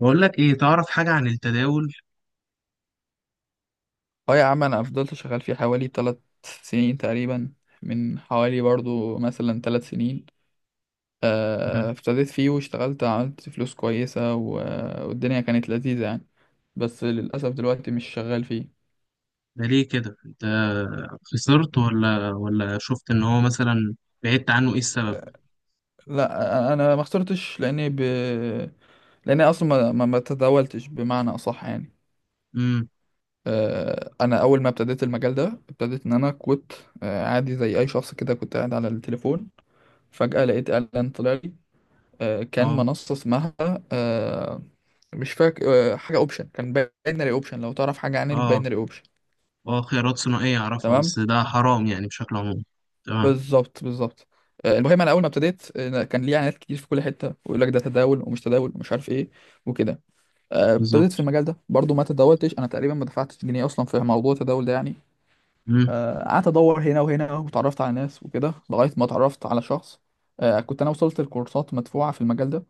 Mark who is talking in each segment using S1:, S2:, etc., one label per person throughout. S1: بقول لك ايه، تعرف حاجة عن التداول؟
S2: اه يا عم انا فضلت شغال فيه حوالي تلات سنين تقريبا. من حوالي برضو مثلا تلات سنين.
S1: مم.
S2: ابتديت فيه واشتغلت عملت فلوس كويسة و- والدنيا كانت لذيذة يعني. بس للأسف دلوقتي مش شغال فيه.
S1: ده ليه كده انت؟ خسرت ولا شفت ان هو مثلا بعدت عنه؟ ايه السبب؟
S2: لا أنا ما خسرتش لأني ب... لأني أصلا ما تداولتش بمعنى أصح يعني.
S1: امم
S2: أنا أول ما ابتديت المجال ده ابتديت إن أنا كنت عادي زي أي شخص كده كنت قاعد على التليفون. فجأة لقيت إعلان طلع لي. كان
S1: اه،
S2: منصة اسمها آه، مش فاكر. حاجة اوبشن كان باينري اوبشن، لو تعرف حاجة عن
S1: اه،
S2: الباينري اوبشن.
S1: اه، خيارات ثنائية اعرفها.
S2: تمام.
S1: بس ده حرام يعني بشكل عام. تمام،
S2: بالظبط. المهم انا اول ما ابتديت كان ليه اعلانات كتير في كل حتة ويقول لك ده تداول ومش تداول ومش عارف ايه وكده. ابتديت في
S1: بالظبط.
S2: المجال ده برضو ما تداولتش، انا تقريبا ما دفعتش جنيه اصلا في موضوع التداول ده يعني.
S1: امم
S2: قعدت ادور هنا وهنا وتعرفت على ناس وكده لغايه ما اتعرفت على شخص. كنت انا وصلت لكورسات مدفوعه في المجال ده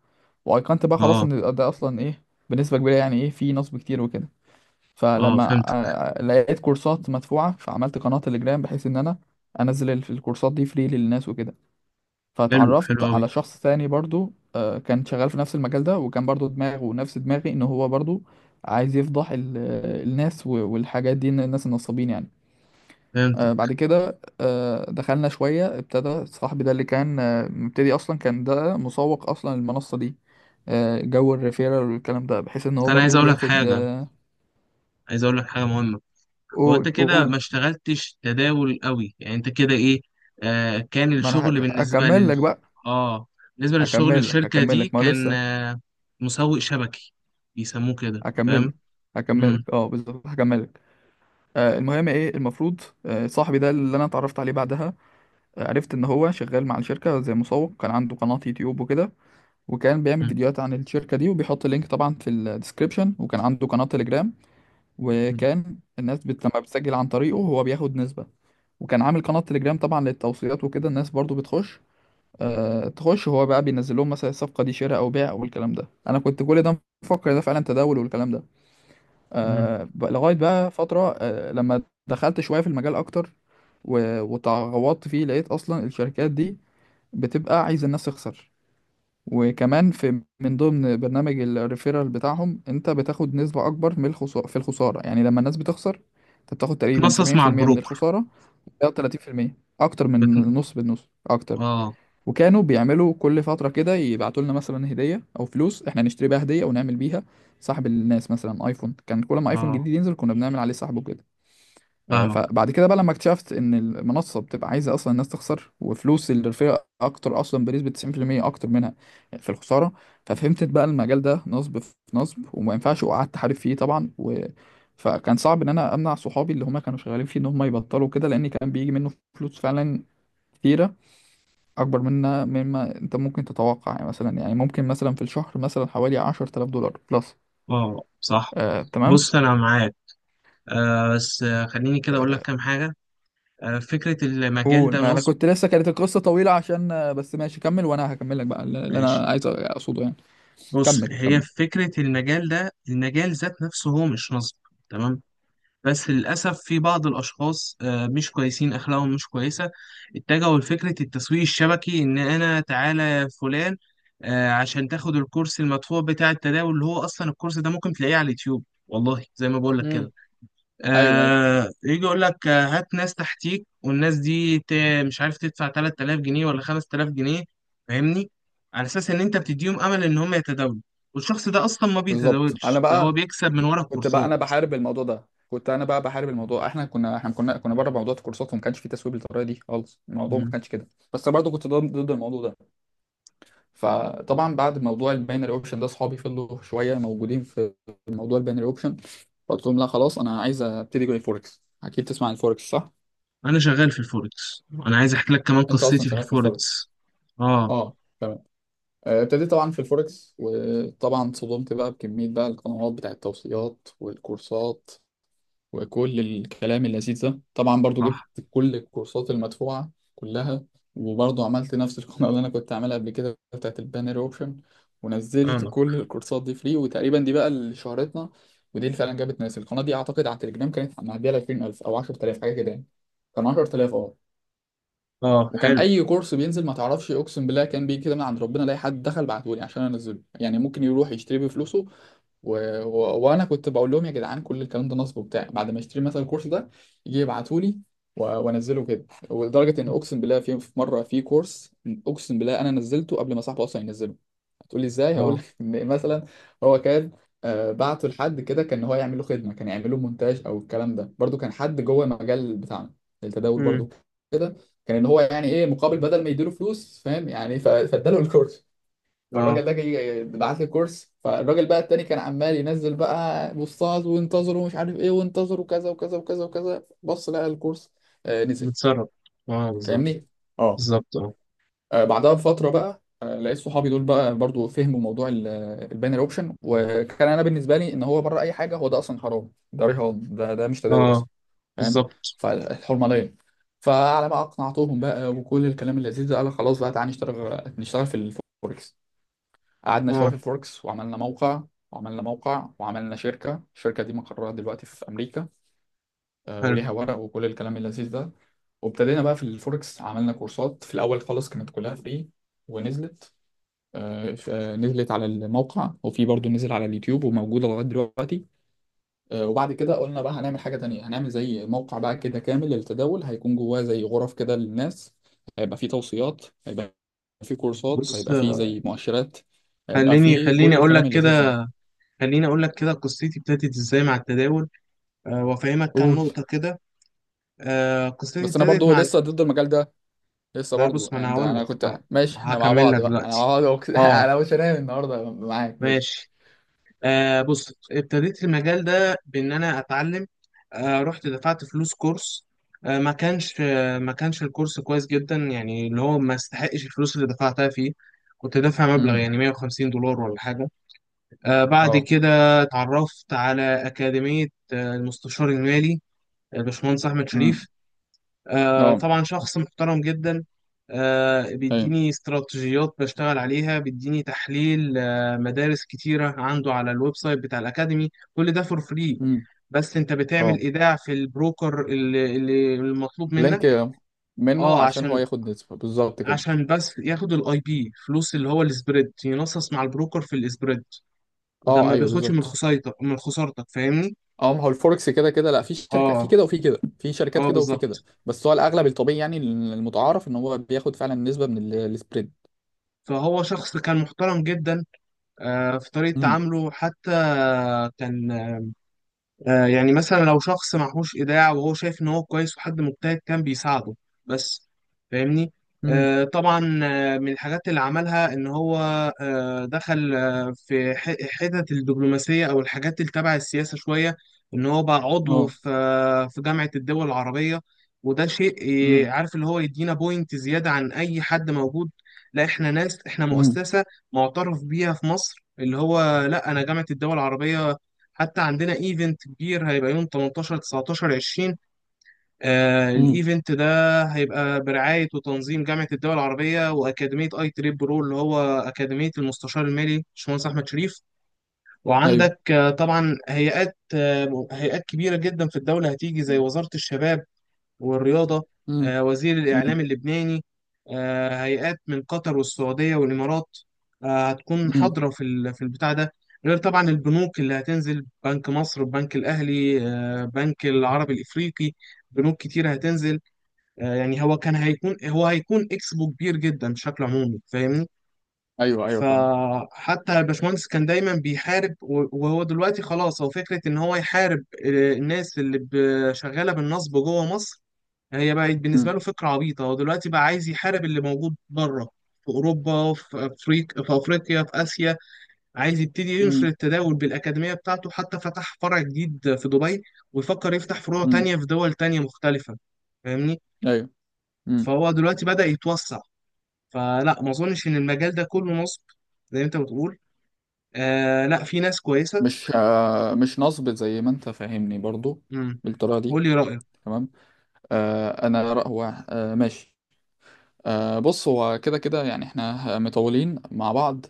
S2: وايقنت بقى خلاص
S1: اه،
S2: ان ده اصلا ايه بنسبه كبيره، يعني ايه في نصب كتير وكده.
S1: اه، فهمت.
S2: فلما لقيت كورسات مدفوعه فعملت قناه تليجرام بحيث ان انا انزل ال- الكورسات دي فري للناس وكده.
S1: حلو، حلو
S2: فتعرفت
S1: قوي.
S2: على شخص تاني برضو، كان شغال في نفس المجال ده وكان برضو دماغه نفس دماغي ان هو برضو عايز يفضح ال- الناس والحاجات دي، إن الناس النصابين يعني.
S1: فهمت.
S2: بعد كده دخلنا شوية، ابتدى صاحبي ده اللي كان مبتدي أصلا، كان ده مسوق أصلا المنصة دي. جو الريفيرال والكلام ده بحيث إن
S1: بس
S2: هو
S1: انا عايز
S2: برضو
S1: اقول لك
S2: بياخد
S1: حاجة، عايز اقول لك حاجة مهمة. وانت
S2: قول
S1: كده
S2: قول،
S1: ما اشتغلتش تداول قوي يعني انت كده ايه؟ كان
S2: ما أنا
S1: الشغل
S2: هك-
S1: بالنسبه
S2: هكمل
S1: لل...
S2: لك بقى.
S1: اه بالنسبه للشغل،
S2: هكمل لك
S1: الشركه
S2: هكمل
S1: دي
S2: لك ما هو
S1: كان
S2: لسه.
S1: مسوق شبكي، بيسموه كده،
S2: هكمل لك،
S1: فاهم؟
S2: هكمل لك
S1: امم
S2: اه بالظبط، هكمل لك. المهم ايه المفروض، صاحبي ده اللي انا اتعرفت عليه بعدها، عرفت ان هو شغال مع الشركه زي مسوق. كان عنده قناه يوتيوب وكده، وكان بيعمل فيديوهات عن الشركة دي وبيحط اللينك طبعا في الديسكريبشن، وكان عنده قناة تليجرام. وكان الناس بت... لما بتسجل عن طريقه هو بياخد نسبة. وكان عامل قناة تليجرام طبعا للتوصيات وكده، الناس برضو بتخش، آه تخش، هو بقى بينزل لهم مثلا الصفقة دي شراء أو بيع أو الكلام ده. أنا كنت كل ده مفكر ده فعلا تداول والكلام ده. آه ب- لغاية بقى فترة آه لما دخلت شوية في المجال أكتر و- وتغوطت فيه لقيت أصلا الشركات دي بتبقى عايزة الناس تخسر. وكمان في من ضمن برنامج الريفيرال بتاعهم، انت بتاخد نسبة اكبر من الخسارة، في الخسارة يعني، لما الناس بتخسر انت بتاخد تقريبا
S1: تنصص مع
S2: 70% من
S1: البروكر.
S2: الخسارة او 30%، اكتر من
S1: بت...
S2: نص، بالنص اكتر.
S1: اه،
S2: وكانوا بيعملوا كل فترة كده يبعتوا لنا مثلا هدية او فلوس احنا نشتري بيها هدية او نعمل بيها سحب الناس، مثلا ايفون، كان كل ما ايفون
S1: اه،
S2: جديد ينزل كنا بنعمل عليه سحب وكده.
S1: فاهمك.
S2: فبعد كده بقى لما اكتشفت ان المنصه بتبقى عايزه اصلا الناس تخسر، وفلوس الرفيع اكتر اصلا بنسبه 90% اكتر منها في الخساره. ففهمت بقى المجال ده نصب في نصب وما ينفعش، وقعدت احارب فيه طبعا و... فكان صعب ان انا امنع صحابي اللي هم كانوا شغالين فيه ان هم يبطلوا كده، لان كان بيجي منه فلوس فعلا كتيره اكبر منها مما انت ممكن تتوقع، يعني مثلا يعني ممكن مثلا في الشهر مثلا حوالي 10,000 دولار بلس.
S1: اه، صح.
S2: تمام.
S1: بص، انا معاك. بس، خليني كده اقول لك
S2: آه،
S1: كام حاجه. فكره المجال
S2: قول
S1: ده
S2: ما انا
S1: نصب؟
S2: كنت لسه، كانت القصه طويله عشان بس، ماشي كمل وانا هكمل لك بقى اللي
S1: ماشي.
S2: انا عايز اقصده يعني.
S1: بص،
S2: كمل
S1: هي
S2: كمل
S1: فكره المجال ده، المجال ذات نفسه هو مش نصب. تمام. بس للأسف في بعض الأشخاص مش كويسين، أخلاقهم مش كويسة. اتجهوا لفكرة التسويق الشبكي، إن أنا تعالى يا فلان، عشان تاخد الكورس المدفوع بتاع التداول، اللي هو أصلا الكورس ده ممكن تلاقيه على اليوتيوب والله، زي ما بقول لك
S2: امم.
S1: كده.
S2: ايوه ايوه
S1: يجي يقول لك، هات ناس تحتيك، والناس دي مش عارف تدفع 3000 جنيه ولا 5000 جنيه، فاهمني؟ على أساس إن أنت بتديهم أمل إن هم يتداولوا، والشخص ده أصلا ما
S2: بالظبط. انا
S1: بيتداولش، ده هو
S2: بقى
S1: بيكسب من ورا
S2: كنت بقى
S1: الكورسات.
S2: انا بحارب الموضوع ده. كنت انا بقى بحارب الموضوع، احنا كنا بره موضوع الكورسات، وما كانش في تسويق بالطريقه دي خالص، الموضوع ما كانش كده. بس برضه كنت ضد الموضوع ده. فطبعا بعد موضوع الباينري اوبشن ده، اصحابي فضلوا شويه موجودين في موضوع الباينري اوبشن. قلت لهم لا خلاص انا عايز ابتدي جوي فوركس، اكيد تسمع عن الفوركس صح.
S1: انا شغال في الفوركس، انا عايز احكي لك كمان
S2: انت اصلا
S1: قصتي في
S2: شغال في الفوركس.
S1: الفوركس. اه،
S2: اه. ابتديت طبعا في الفوركس، وطبعا اتصدمت بقى بكمية بقى القنوات بتاع التوصيات والكورسات وكل الكلام اللذيذ ده. طبعا برضو جبت
S1: صح.
S2: كل الكورسات المدفوعة كلها، وبرضو عملت نفس القناة اللي أنا كنت عاملها قبل كده بتاعت البانر أوبشن. ونزلت
S1: فاهمك.
S2: كل الكورسات دي فري، وتقريبا دي بقى اللي شهرتنا ودي اللي فعلا جابت ناس. القناة دي أعتقد على التليجرام كانت معدية ل 20,000 أو 10,000، حاجة كده يعني. كان 10,000 اه.
S1: اه،
S2: وكان
S1: حلو.
S2: اي كورس بينزل ما تعرفش، اقسم بالله كان بيجي كده من عند ربنا، الاقي حد دخل بعته لي عشان انزله يعني، ممكن يروح يشتري بفلوسه و... و... وانا كنت بقول لهم يا جدعان كل الكلام ده نصب وبتاع. بعد ما اشتري مثلا الكورس ده يجي يبعتوا لي و... وانزله كده. ولدرجه ان اقسم بالله في في مره في كورس، اقسم بالله انا نزلته قبل ما صاحبه اصلا ينزله. هتقول لي ازاي؟ هقول
S1: اه.
S2: لك ان مثلا هو كان بعته لحد كده كان هو يعمل له خدمه، كان يعمل له مونتاج او الكلام ده، برضو كان حد جوه المجال بتاعنا التداول
S1: امم
S2: برضو كده، كان ان هو يعني ايه مقابل بدل ما يديله فلوس فاهم يعني، ف- فاداله الكورس.
S1: اه،
S2: فالراجل ده جاي بعت لي كورس. فالراجل بقى التاني كان عمال ينزل بقى بوستات، وانتظروا مش عارف ايه وانتظروا كذا وكذا وكذا وكذا، بص لقى الكورس نزل.
S1: متسرب. اه، بالظبط،
S2: فاهمني. اه.
S1: بالظبط. اه،
S2: بعدها بفترة بقى لقيت صحابي دول بقى برضو فهموا موضوع الباينري اوبشن. وكان انا بالنسبة لي ان هو بره اي حاجة، هو ده اصلا حرام، ده رهان، ده ده مش تداول
S1: اه،
S2: اصلا، فاهم.
S1: بالظبط.
S2: فالحرمة ليا. فعلى ما اقنعتهم بقى وكل الكلام اللذيذ ده، قال خلاص بقى تعالى نشتغل، نشتغل في الفوركس. قعدنا
S1: اه،
S2: شويه في فوركس وعملنا موقع. وعملنا موقع وعملنا شركه، الشركه دي مقرها دلوقتي في امريكا.
S1: حلو.
S2: وليها ورق وكل الكلام اللذيذ ده. وابتدينا بقى في الفوركس، عملنا كورسات في الاول خالص كانت كلها فري، ونزلت نزلت على الموقع، وفي برضو نزل على اليوتيوب وموجوده لغايه دلوقتي. وبعد كده قلنا بقى هنعمل حاجه تانية، هنعمل زي موقع بقى كده كامل للتداول، هيكون جواه زي غرف كده للناس، هيبقى فيه توصيات، هيبقى فيه كورسات،
S1: بص،
S2: هيبقى فيه زي مؤشرات، هيبقى
S1: خليني
S2: فيه
S1: خليني
S2: كل
S1: اقول لك
S2: الكلام اللذيذ ده.
S1: كده خليني اقول لك كده قصتي ابتدت ازاي مع التداول. وافهمك كام
S2: قول.
S1: نقطة كده. قصتي
S2: بس انا
S1: ابتدت
S2: برضو
S1: مع...
S2: لسه ضد المجال ده، لسه
S1: لا
S2: برضو
S1: بص، ما انا
S2: يعني. ده
S1: هقول
S2: انا
S1: لك.
S2: كنت ماشي احنا مع
S1: هكمل
S2: بعض
S1: لك
S2: بقى، انا مع
S1: دلوقتي.
S2: بعض وك-
S1: اه.
S2: انا مش هنام النهارده معاك ماشي.
S1: ماشي. بص، ابتديت المجال ده بإن أنا أتعلم. رحت دفعت فلوس كورس. ما كانش الكورس كويس جدا، يعني اللي هو ما استحقش الفلوس اللي دفعتها فيه. كنت دافع مبلغ
S2: امم.
S1: يعني 150 دولار ولا حاجة. بعد
S2: اه.
S1: كده اتعرفت على أكاديمية، المستشار المالي، باشمهندس أحمد
S2: امم.
S1: شريف.
S2: اه.
S1: طبعا شخص محترم جدا.
S2: ايوه.
S1: بيديني استراتيجيات بشتغل عليها، بيديني تحليل، مدارس كتيرة عنده على الويب سايت بتاع الأكاديمي، كل ده فور فري.
S2: امم.
S1: بس انت بتعمل
S2: اه.
S1: ايداع في البروكر اللي المطلوب
S2: لينك
S1: منك.
S2: منه
S1: اه،
S2: عشان هو
S1: عشان
S2: ياخد نسبة بالظبط كده.
S1: عشان بس ياخد الاي بي فلوس، اللي هو السبريد، ينصص مع البروكر في السبريد. ده
S2: اه
S1: ما
S2: ايوه
S1: بياخدش من
S2: بالظبط.
S1: خسارتك من خسارتك فاهمني؟
S2: اه ما هو الفوركس كده كده، لا في شركة في
S1: اه،
S2: كده وفي كده، في شركات
S1: اه،
S2: كده وفي كده،
S1: بالظبط.
S2: بس هو الاغلب الطبيعي يعني المتعارف ان هو بياخد فعلا نسبة من ال- السبريد.
S1: فهو شخص كان محترم جدا في طريقة
S2: امم.
S1: تعامله حتى. كان يعني مثلا لو شخص معهوش إيداع وهو شايف إن هو كويس وحد مجتهد، كان بيساعده بس، فاهمني؟
S2: امم.
S1: طبعا، من الحاجات اللي عملها إن هو دخل في حتت الدبلوماسية أو الحاجات اللي تبع السياسة شوية. إن هو بقى عضو
S2: اه.
S1: في جامعة الدول العربية. وده شيء
S2: امم.
S1: عارف، اللي هو يدينا بوينت زيادة عن أي حد موجود. لا، إحنا ناس، إحنا
S2: امم.
S1: مؤسسة معترف بيها في مصر، اللي هو لا، أنا جامعة الدول العربية. حتى عندنا ايفنت كبير هيبقى يوم 18، 19، 20.
S2: امم.
S1: الايفنت ده هيبقى برعاية وتنظيم جامعة الدول العربية وأكاديمية اي تريب برو، اللي هو أكاديمية المستشار المالي باشمهندس أحمد شريف.
S2: ايوه.
S1: وعندك طبعا هيئات، كبيرة جدا في الدولة هتيجي، زي وزارة الشباب والرياضة،
S2: امم.
S1: وزير الإعلام
S2: امم.
S1: اللبناني، هيئات من قطر والسعودية والإمارات، هتكون حاضرة في في البتاع ده. غير طبعا البنوك اللي هتنزل: بنك مصر، البنك الأهلي، بنك العربي الإفريقي. بنوك كتير هتنزل. يعني هو هيكون إكسبو كبير جدا بشكل عمومي، فاهمني؟
S2: ايوه ايوه فاهم.
S1: فحتى الباشمهندس كان دايما بيحارب، و- وهو دلوقتي خلاص، هو فكرة إن هو يحارب الناس اللي شغالة بالنصب جوه مصر، هي بقت بالنسبة
S2: امم.
S1: له فكرة عبيطة. هو دلوقتي بقى عايز يحارب اللي موجود بره، في أوروبا، في أفريقيا، في آسيا. عايز يبتدي ينشر
S2: امم.
S1: التداول بالأكاديمية بتاعته، حتى فتح فرع جديد في دبي ويفكر يفتح فروع
S2: امم.
S1: تانية في دول تانية مختلفة، فاهمني؟
S2: ايوه. امم.
S1: فهو دلوقتي بدأ يتوسع. فلا، ما أظنش إن المجال ده كله نصب زي ما أنت بتقول. لا، في ناس كويسة.
S2: مش آه مش نصب زي ما انت فاهمني برضو
S1: امم
S2: بالطريقه دي.
S1: قول لي رأيك.
S2: تمام. آه انا رأ- هو آه ماشي. آه بص هو كده كده يعني احنا مطولين مع بعض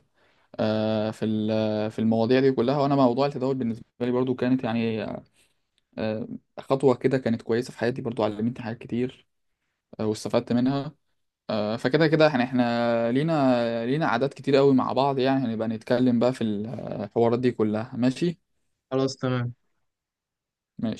S2: آه في ال- في المواضيع دي كلها. وانا موضوع التداول بالنسبه لي برضو كانت يعني آه خطوه كده كانت كويسه في حياتي، برضو علمتني حاجات كتير آه واستفدت منها. فكده كده يعني احنا لينا لينا عادات كتير قوي مع بعض يعني، هنبقى نتكلم بقى في الحوارات دي كلها ماشي.
S1: خلاص، تمام.
S2: ماشي.